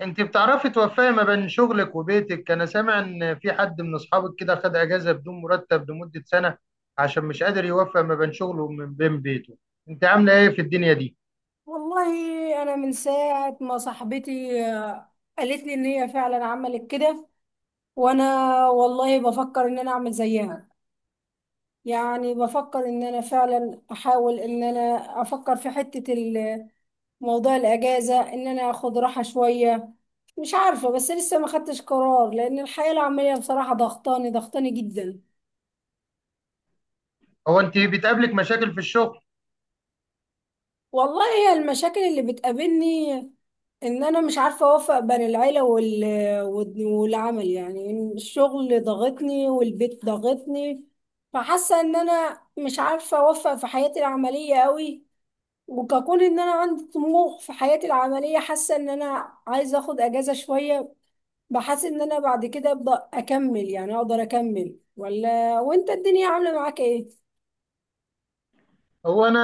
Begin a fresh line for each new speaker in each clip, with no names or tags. انت بتعرفي توفقي ما بين شغلك وبيتك؟ انا سامع ان في حد من اصحابك كده خد اجازة بدون مرتب لمدة سنة عشان مش قادر يوفق ما بين شغله وما بين بيته. انت عاملة ايه في الدنيا دي؟
والله انا من ساعه ما صاحبتي قالت لي ان هي فعلا عملت كده. وانا والله بفكر ان انا اعمل زيها. يعني بفكر ان انا فعلا احاول ان انا افكر في حته موضوع الاجازه، ان انا اخد راحه شويه. مش عارفه، بس لسه ما خدتش قرار لان الحياه العمليه بصراحه ضغطاني ضغطاني جدا.
هو انت بتقابلك مشاكل في الشغل؟
والله هي المشاكل اللي بتقابلني ان انا مش عارفه اوفق بين العيله والعمل. يعني إن الشغل ضغطني والبيت ضغطني، فحاسه ان انا مش عارفه اوفق في حياتي العمليه قوي. وككون ان انا عندي طموح في حياتي العمليه، حاسه ان انا عايزه اخد اجازه شويه. بحس ان انا بعد كده ابدا اكمل، يعني اقدر اكمل ولا؟ وانت الدنيا عامله معاك ايه؟
هو انا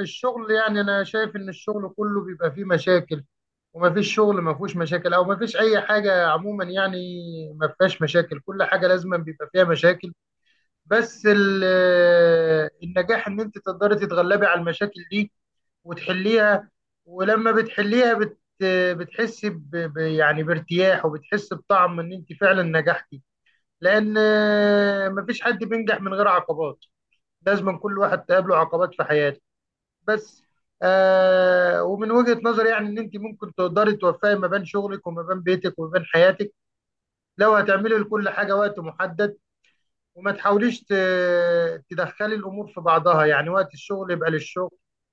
الشغل، يعني انا شايف ان الشغل كله بيبقى فيه مشاكل، وما فيش شغل ما فيهوش مشاكل، او ما فيش اي حاجه عموما يعني ما فيهاش مشاكل. كل حاجه لازم بيبقى فيها مشاكل. بس النجاح ان انت تقدري تتغلبي على المشاكل دي وتحليها. ولما بتحليها بتحسي يعني بارتياح، وبتحسي بطعم ان انت فعلا نجحتي. لان مفيش حد بينجح من غير عقبات. لازم كل واحد تقابله عقبات في حياته. بس ومن وجهة نظري يعني ان انت ممكن تقدري توفقي ما بين شغلك وما بين بيتك وما بين حياتك، لو هتعملي لكل حاجة وقت محدد، وما تحاوليش تدخلي الامور في بعضها. يعني وقت الشغل يبقى للشغل،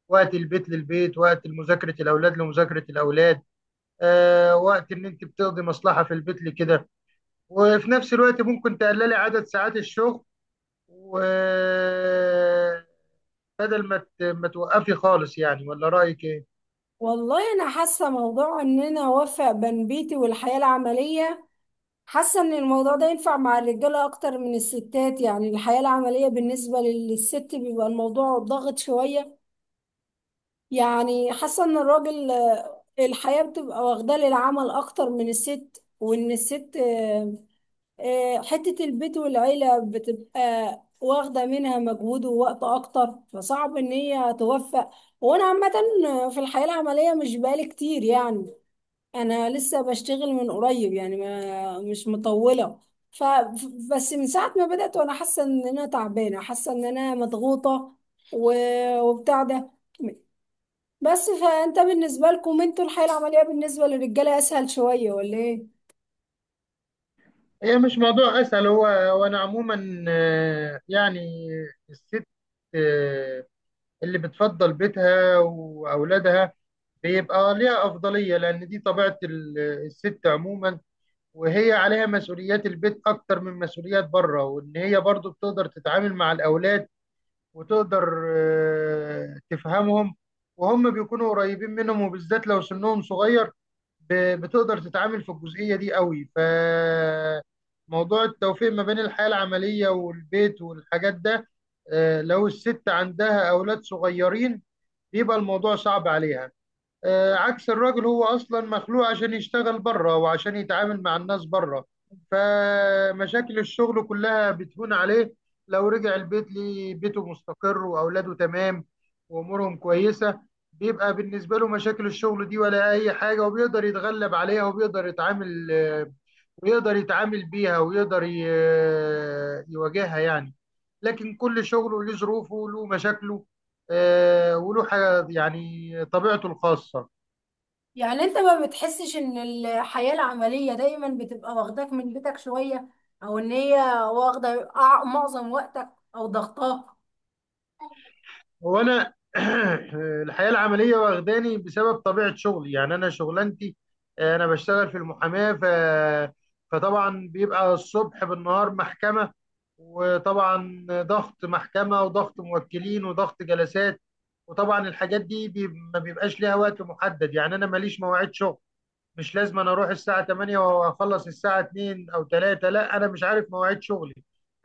وقت البيت للبيت، وقت مذاكره الاولاد لمذاكره الاولاد، وقت ان انت بتقضي مصلحه في البيت لكده، وفي نفس الوقت ممكن تقللي عدد ساعات الشغل، وبدل ما توقفي خالص يعني. ولا رايك ايه؟
والله انا حاسه موضوع ان انا اوفق بين بيتي والحياه العمليه، حاسة ان الموضوع ده ينفع مع الرجالة اكتر من الستات. يعني الحياة العملية بالنسبة للست بيبقى الموضوع ضاغط شوية. يعني حاسة ان الراجل الحياة بتبقى واخداه للعمل اكتر من الست، وان الست حتة البيت والعيلة بتبقى واخدة منها مجهود ووقت اكتر، فصعب ان هي توفق. وانا عامة في الحياة العملية مش بقالي كتير، يعني انا لسه بشتغل من قريب، يعني ما مش مطوله. ف بس من ساعه ما بدات وانا حاسه ان انا تعبانه، حاسه ان انا مضغوطه و... وبتاع ده. بس فانت بالنسبه لكم انتوا الحياه العمليه بالنسبه للرجاله اسهل شويه ولا ايه؟
هي مش موضوع اسهل، هو وانا عموما، يعني الست، آه، اللي بتفضل بيتها واولادها بيبقى ليها أفضلية، لأن دي طبيعة الست عموما. وهي عليها مسؤوليات البيت أكتر من مسؤوليات بره، وإن هي برضو بتقدر تتعامل مع الأولاد، وتقدر، تفهمهم، وهم بيكونوا قريبين منهم، وبالذات لو سنهم صغير، بتقدر تتعامل في الجزئية دي قوي. فموضوع التوفيق ما بين الحياة العملية والبيت والحاجات ده، لو الست عندها أولاد صغيرين بيبقى الموضوع صعب عليها. عكس الراجل، هو اصلا مخلوق عشان يشتغل بره، وعشان يتعامل مع الناس بره. فمشاكل الشغل كلها بتهون عليه لو رجع البيت ليه بيته مستقر واولاده تمام وامورهم كويسه. بيبقى بالنسبه له مشاكل الشغل دي ولا اي حاجه، وبيقدر يتغلب عليها، وبيقدر يتعامل، ويقدر يتعامل بيها، ويقدر يواجهها يعني. لكن كل شغله له ظروفه، له مشاكله، وله حاجة يعني طبيعته الخاصة.
يعني انت ما بتحسش ان الحياه العمليه دايما بتبقى واخداك من بيتك شويه، او ان هي واخده معظم وقتك، او ضغطاه؟
هو انا الحياه العمليه واخداني بسبب طبيعه شغلي. يعني انا شغلانتي، انا بشتغل في المحاماه، فطبعا بيبقى الصبح بالنهار محكمه، وطبعا ضغط محكمه وضغط موكلين وضغط جلسات. وطبعا الحاجات دي ما بيبقاش ليها وقت محدد. يعني انا ماليش مواعيد شغل، مش لازم انا اروح الساعة 8 واخلص الساعة 2 او 3. لا، انا مش عارف مواعيد شغلي.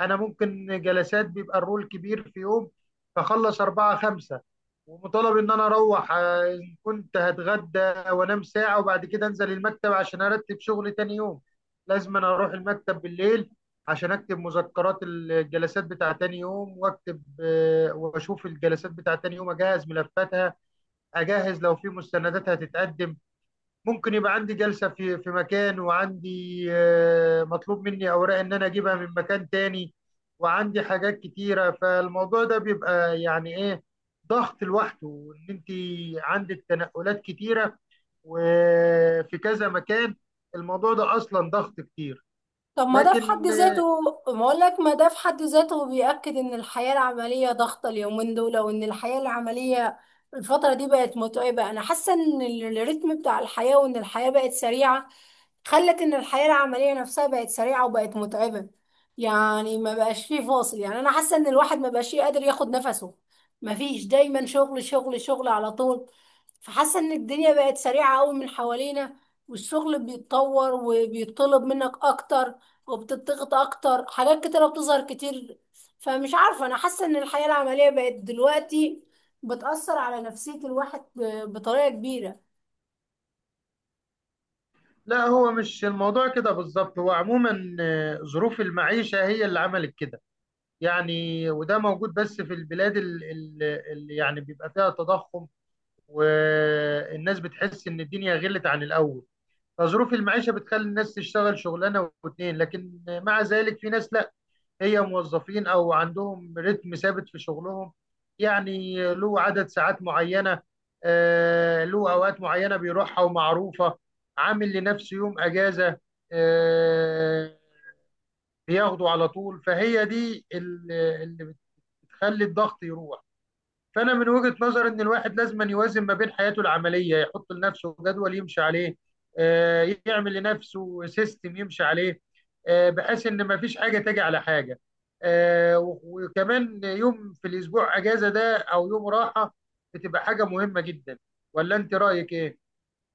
انا ممكن جلسات بيبقى الرول كبير في يوم، فخلص 4 5، ومطالب ان انا اروح، ان كنت هتغدى وانام ساعة، وبعد كده انزل المكتب عشان ارتب شغلي تاني يوم. لازم انا اروح المكتب بالليل عشان اكتب مذكرات الجلسات بتاع تاني يوم، واكتب، واشوف الجلسات بتاع تاني يوم، اجهز ملفاتها، اجهز لو في مستندات هتتقدم. ممكن يبقى عندي جلسة في مكان، وعندي، مطلوب مني أوراق إن أنا أجيبها من مكان تاني، وعندي حاجات كتيرة. فالموضوع ده بيبقى يعني إيه، ضغط لوحده. وإن أنت عندك تنقلات كتيرة وفي كذا مكان، الموضوع ده أصلا ضغط كتير.
طب ما ده في حد
لكن
ذاته، ما اقول لك ما ده في حد ذاته بيأكد ان الحياة العملية ضغطة اليومين دول، وان الحياة العملية الفترة دي بقت متعبة. انا حاسة ان الريتم بتاع الحياة وان الحياة بقت سريعة خلت ان الحياة العملية نفسها بقت سريعة وبقت متعبة. يعني ما بقاش فيه فاصل، يعني انا حاسة ان الواحد ما بقاش قادر ياخد نفسه، ما فيش، دايما شغل شغل شغل على طول. فحاسة ان الدنيا بقت سريعة قوي من حوالينا، والشغل بيتطور وبيطلب منك اكتر، وبتضغط اكتر، حاجات كتيرة بتظهر كتير. فمش عارفة، انا حاسة ان الحياة العملية بقت دلوقتي بتأثر على نفسية الواحد بطريقة كبيرة.
لا، هو مش الموضوع كده بالظبط. هو عموما، ظروف المعيشة هي اللي عملت كده يعني. وده موجود بس في البلاد اللي يعني بيبقى فيها تضخم، والناس بتحس ان الدنيا غلت عن الاول. فظروف المعيشه بتخلي الناس تشتغل شغلانه واتنين، لكن مع ذلك في ناس لا، هي موظفين او عندهم رتم ثابت في شغلهم. يعني له عدد ساعات معينه، له اوقات معينه بيروحها ومعروفه، عامل لنفسه يوم اجازه، آه، بياخده على طول. فهي دي اللي بتخلي الضغط يروح. فانا من وجهة نظري ان الواحد لازم أن يوازن ما بين حياته العملية، يحط لنفسه جدول يمشي عليه، يعمل لنفسه سيستم يمشي عليه، بحيث ان ما فيش حاجة تجي على حاجة، آه، و- وكمان يوم في الاسبوع اجازة ده او يوم راحة بتبقى حاجة مهمة جدا. ولا انت رأيك ايه؟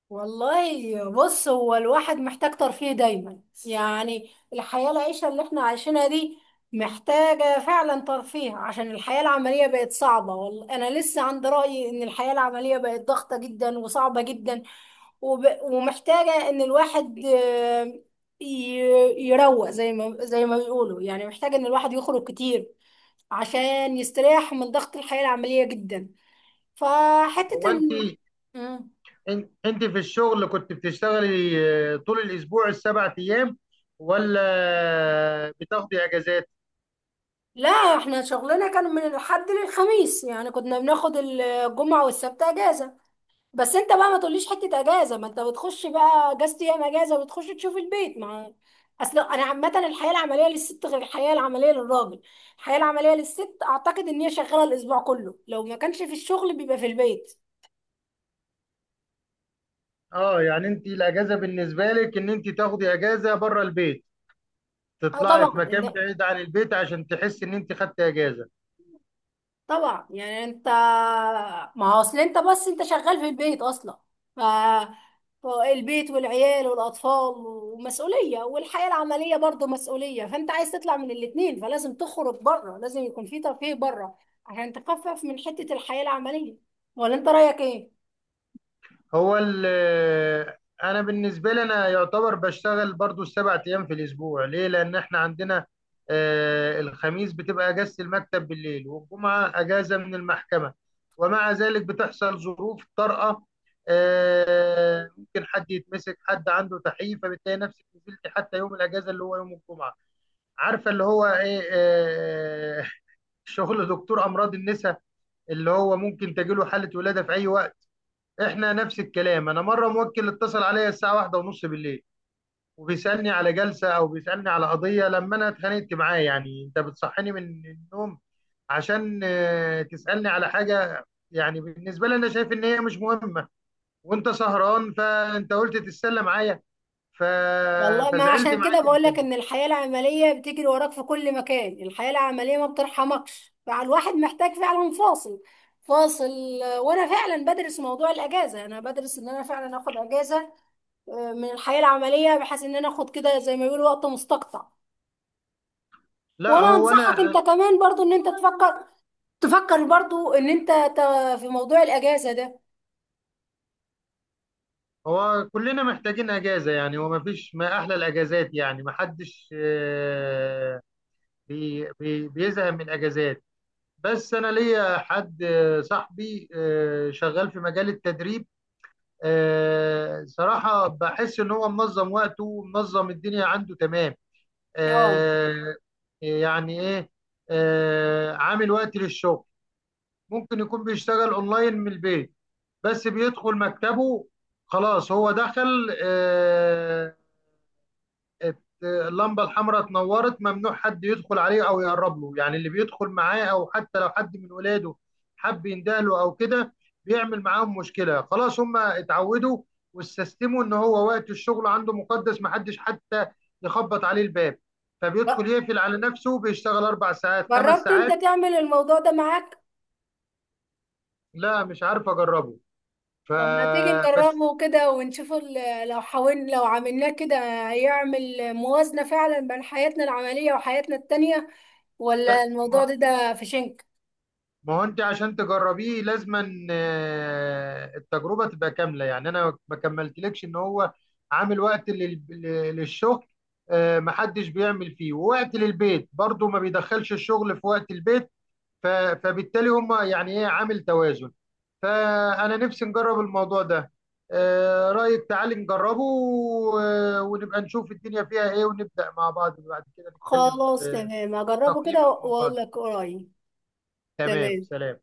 والله بص، هو الواحد محتاج ترفيه دايما، يعني الحياة العيشة اللي احنا عايشينها دي محتاجة فعلا ترفيه، عشان الحياة العملية بقت صعبة. والله أنا لسه عند رأيي إن الحياة العملية بقت ضغطة جدا وصعبة جدا، ومحتاجة إن الواحد ي- يروق زي ما بيقولوا، يعني محتاج إن الواحد يخرج كتير عشان يستريح من ضغط الحياة العملية جدا. فحتة
هو انت،
إن
انت في الشغل كنت بتشتغلي، طول الاسبوع السبع ايام، ولا بتاخدي اجازات؟
لا، احنا شغلنا كان من الحد للخميس، يعني كنا بناخد الجمعة والسبت اجازة. بس انت بقى ما تقوليش حتة اجازة، ما انت بتخش بقى اجازة ايام اجازة وبتخش تشوف البيت، مع اصل انا عامة الحياة العملية للست غير الحياة العملية للراجل. الحياة العملية للست اعتقد ان هي شغالة الاسبوع كله، لو ما كانش في الشغل بيبقى في البيت.
اه، يعني انت الاجازه بالنسبه لك ان انت تاخدي اجازه بره البيت،
اه
تطلعي
طبعا،
في مكان بعيد عن البيت عشان تحس ان انت خدت اجازه.
طبعا. يعني انت، ما هو اصل انت، بس انت شغال في البيت اصلا. ف البيت والعيال والاطفال ومسؤوليه، والحياه العمليه برضو مسؤوليه، فانت عايز تطلع من الاتنين، فلازم تخرج بره، لازم يكون في ترفيه بره عشان تخفف من حته الحياه العمليه، ولا انت رايك ايه؟
هو انا بالنسبه لي انا يعتبر بشتغل برضو السبع ايام في الاسبوع. ليه؟ لان احنا عندنا، الخميس بتبقى اجازه المكتب بالليل، والجمعه اجازه من المحكمه. ومع ذلك بتحصل ظروف طارئه، ممكن حد يتمسك، حد عنده تحييف، فبتلاقي نفسك نزلت حتى يوم الاجازه اللي هو يوم الجمعه. عارفه اللي هو ايه؟ شغل دكتور امراض النساء، اللي هو ممكن تجيله حاله ولاده في اي وقت. احنا نفس الكلام. انا مره موكل اتصل عليا الساعه واحدة ونص بالليل، وبيسالني على جلسه او بيسالني على قضيه. لما انا اتخانقت معاه، يعني انت بتصحيني من النوم عشان، تسالني على حاجه يعني بالنسبه لي انا شايف ان هي مش مهمه، وانت سهران فانت قلت تتسلى معايا. ف...
والله ما
فزعلت
عشان
معاه
كده بقول
جدا.
لك ان الحياة العملية بتجري وراك في كل مكان، الحياة العملية ما بترحمكش، فالواحد محتاج فعلا فاصل، فاصل. وانا فعلا بدرس موضوع الاجازة، انا بدرس ان انا فعلا اخد اجازة من الحياة العملية، بحيث ان انا اخد كده زي ما بيقولوا وقت مستقطع.
لا
وانا
هو
انصحك
انا
انت كمان برضو ان انت تفكر برضو ان انت في موضوع الاجازة ده.
هو كلنا محتاجين اجازه، يعني هو ما فيش، ما احلى الاجازات، يعني ما حدش، بي بي بيزهق من الاجازات. بس انا ليا حد، صاحبي، شغال في مجال التدريب. صراحه بحس ان هو منظم وقته ومنظم الدنيا عنده تمام.
اه،
آه، يعني ايه، عامل وقت للشغل، ممكن يكون بيشتغل اونلاين من البيت، بس بيدخل مكتبه. خلاص هو دخل، اللمبه الحمراء اتنورت، ممنوع حد يدخل عليه او يقرب له. يعني اللي بيدخل معاه او حتى لو حد من ولاده حب يندهله او كده، بيعمل معاهم مشكله. خلاص هم اتعودوا واستسلموا ان هو وقت الشغل عنده مقدس، محدش حتى يخبط عليه الباب. فبيدخل
ب-
يقفل على نفسه، بيشتغل اربع ساعات خمس
جربت
ساعات.
انت تعمل الموضوع ده معاك؟
لا، مش عارف اجربه.
طب ما تيجي
فبس
نجربه كده ونشوف لو حاولنا لو عملناه كده يعمل موازنة فعلا بين حياتنا العملية وحياتنا التانية، ولا
لا،
الموضوع
ما
ده في شنك؟
ما هو انت عشان تجربيه لازما، التجربه تبقى كامله. يعني انا ما كملتلكش ان هو عامل وقت للشغل، ما حدش بيعمل فيه، ووقت للبيت برضو ما بيدخلش الشغل في وقت البيت. ف- فبالتالي هم يعني ايه، عامل توازن. فانا نفسي نجرب الموضوع ده. رايك تعالي نجربه، ونبقى نشوف الدنيا فيها ايه، ونبدا مع بعض، بعد كده نتكلم
خلاص،
في
تمام،
في
هجربه
تقييم
كده
الموضوع
واقول
ده.
لك قريب.
تمام،
تمام.
سلام.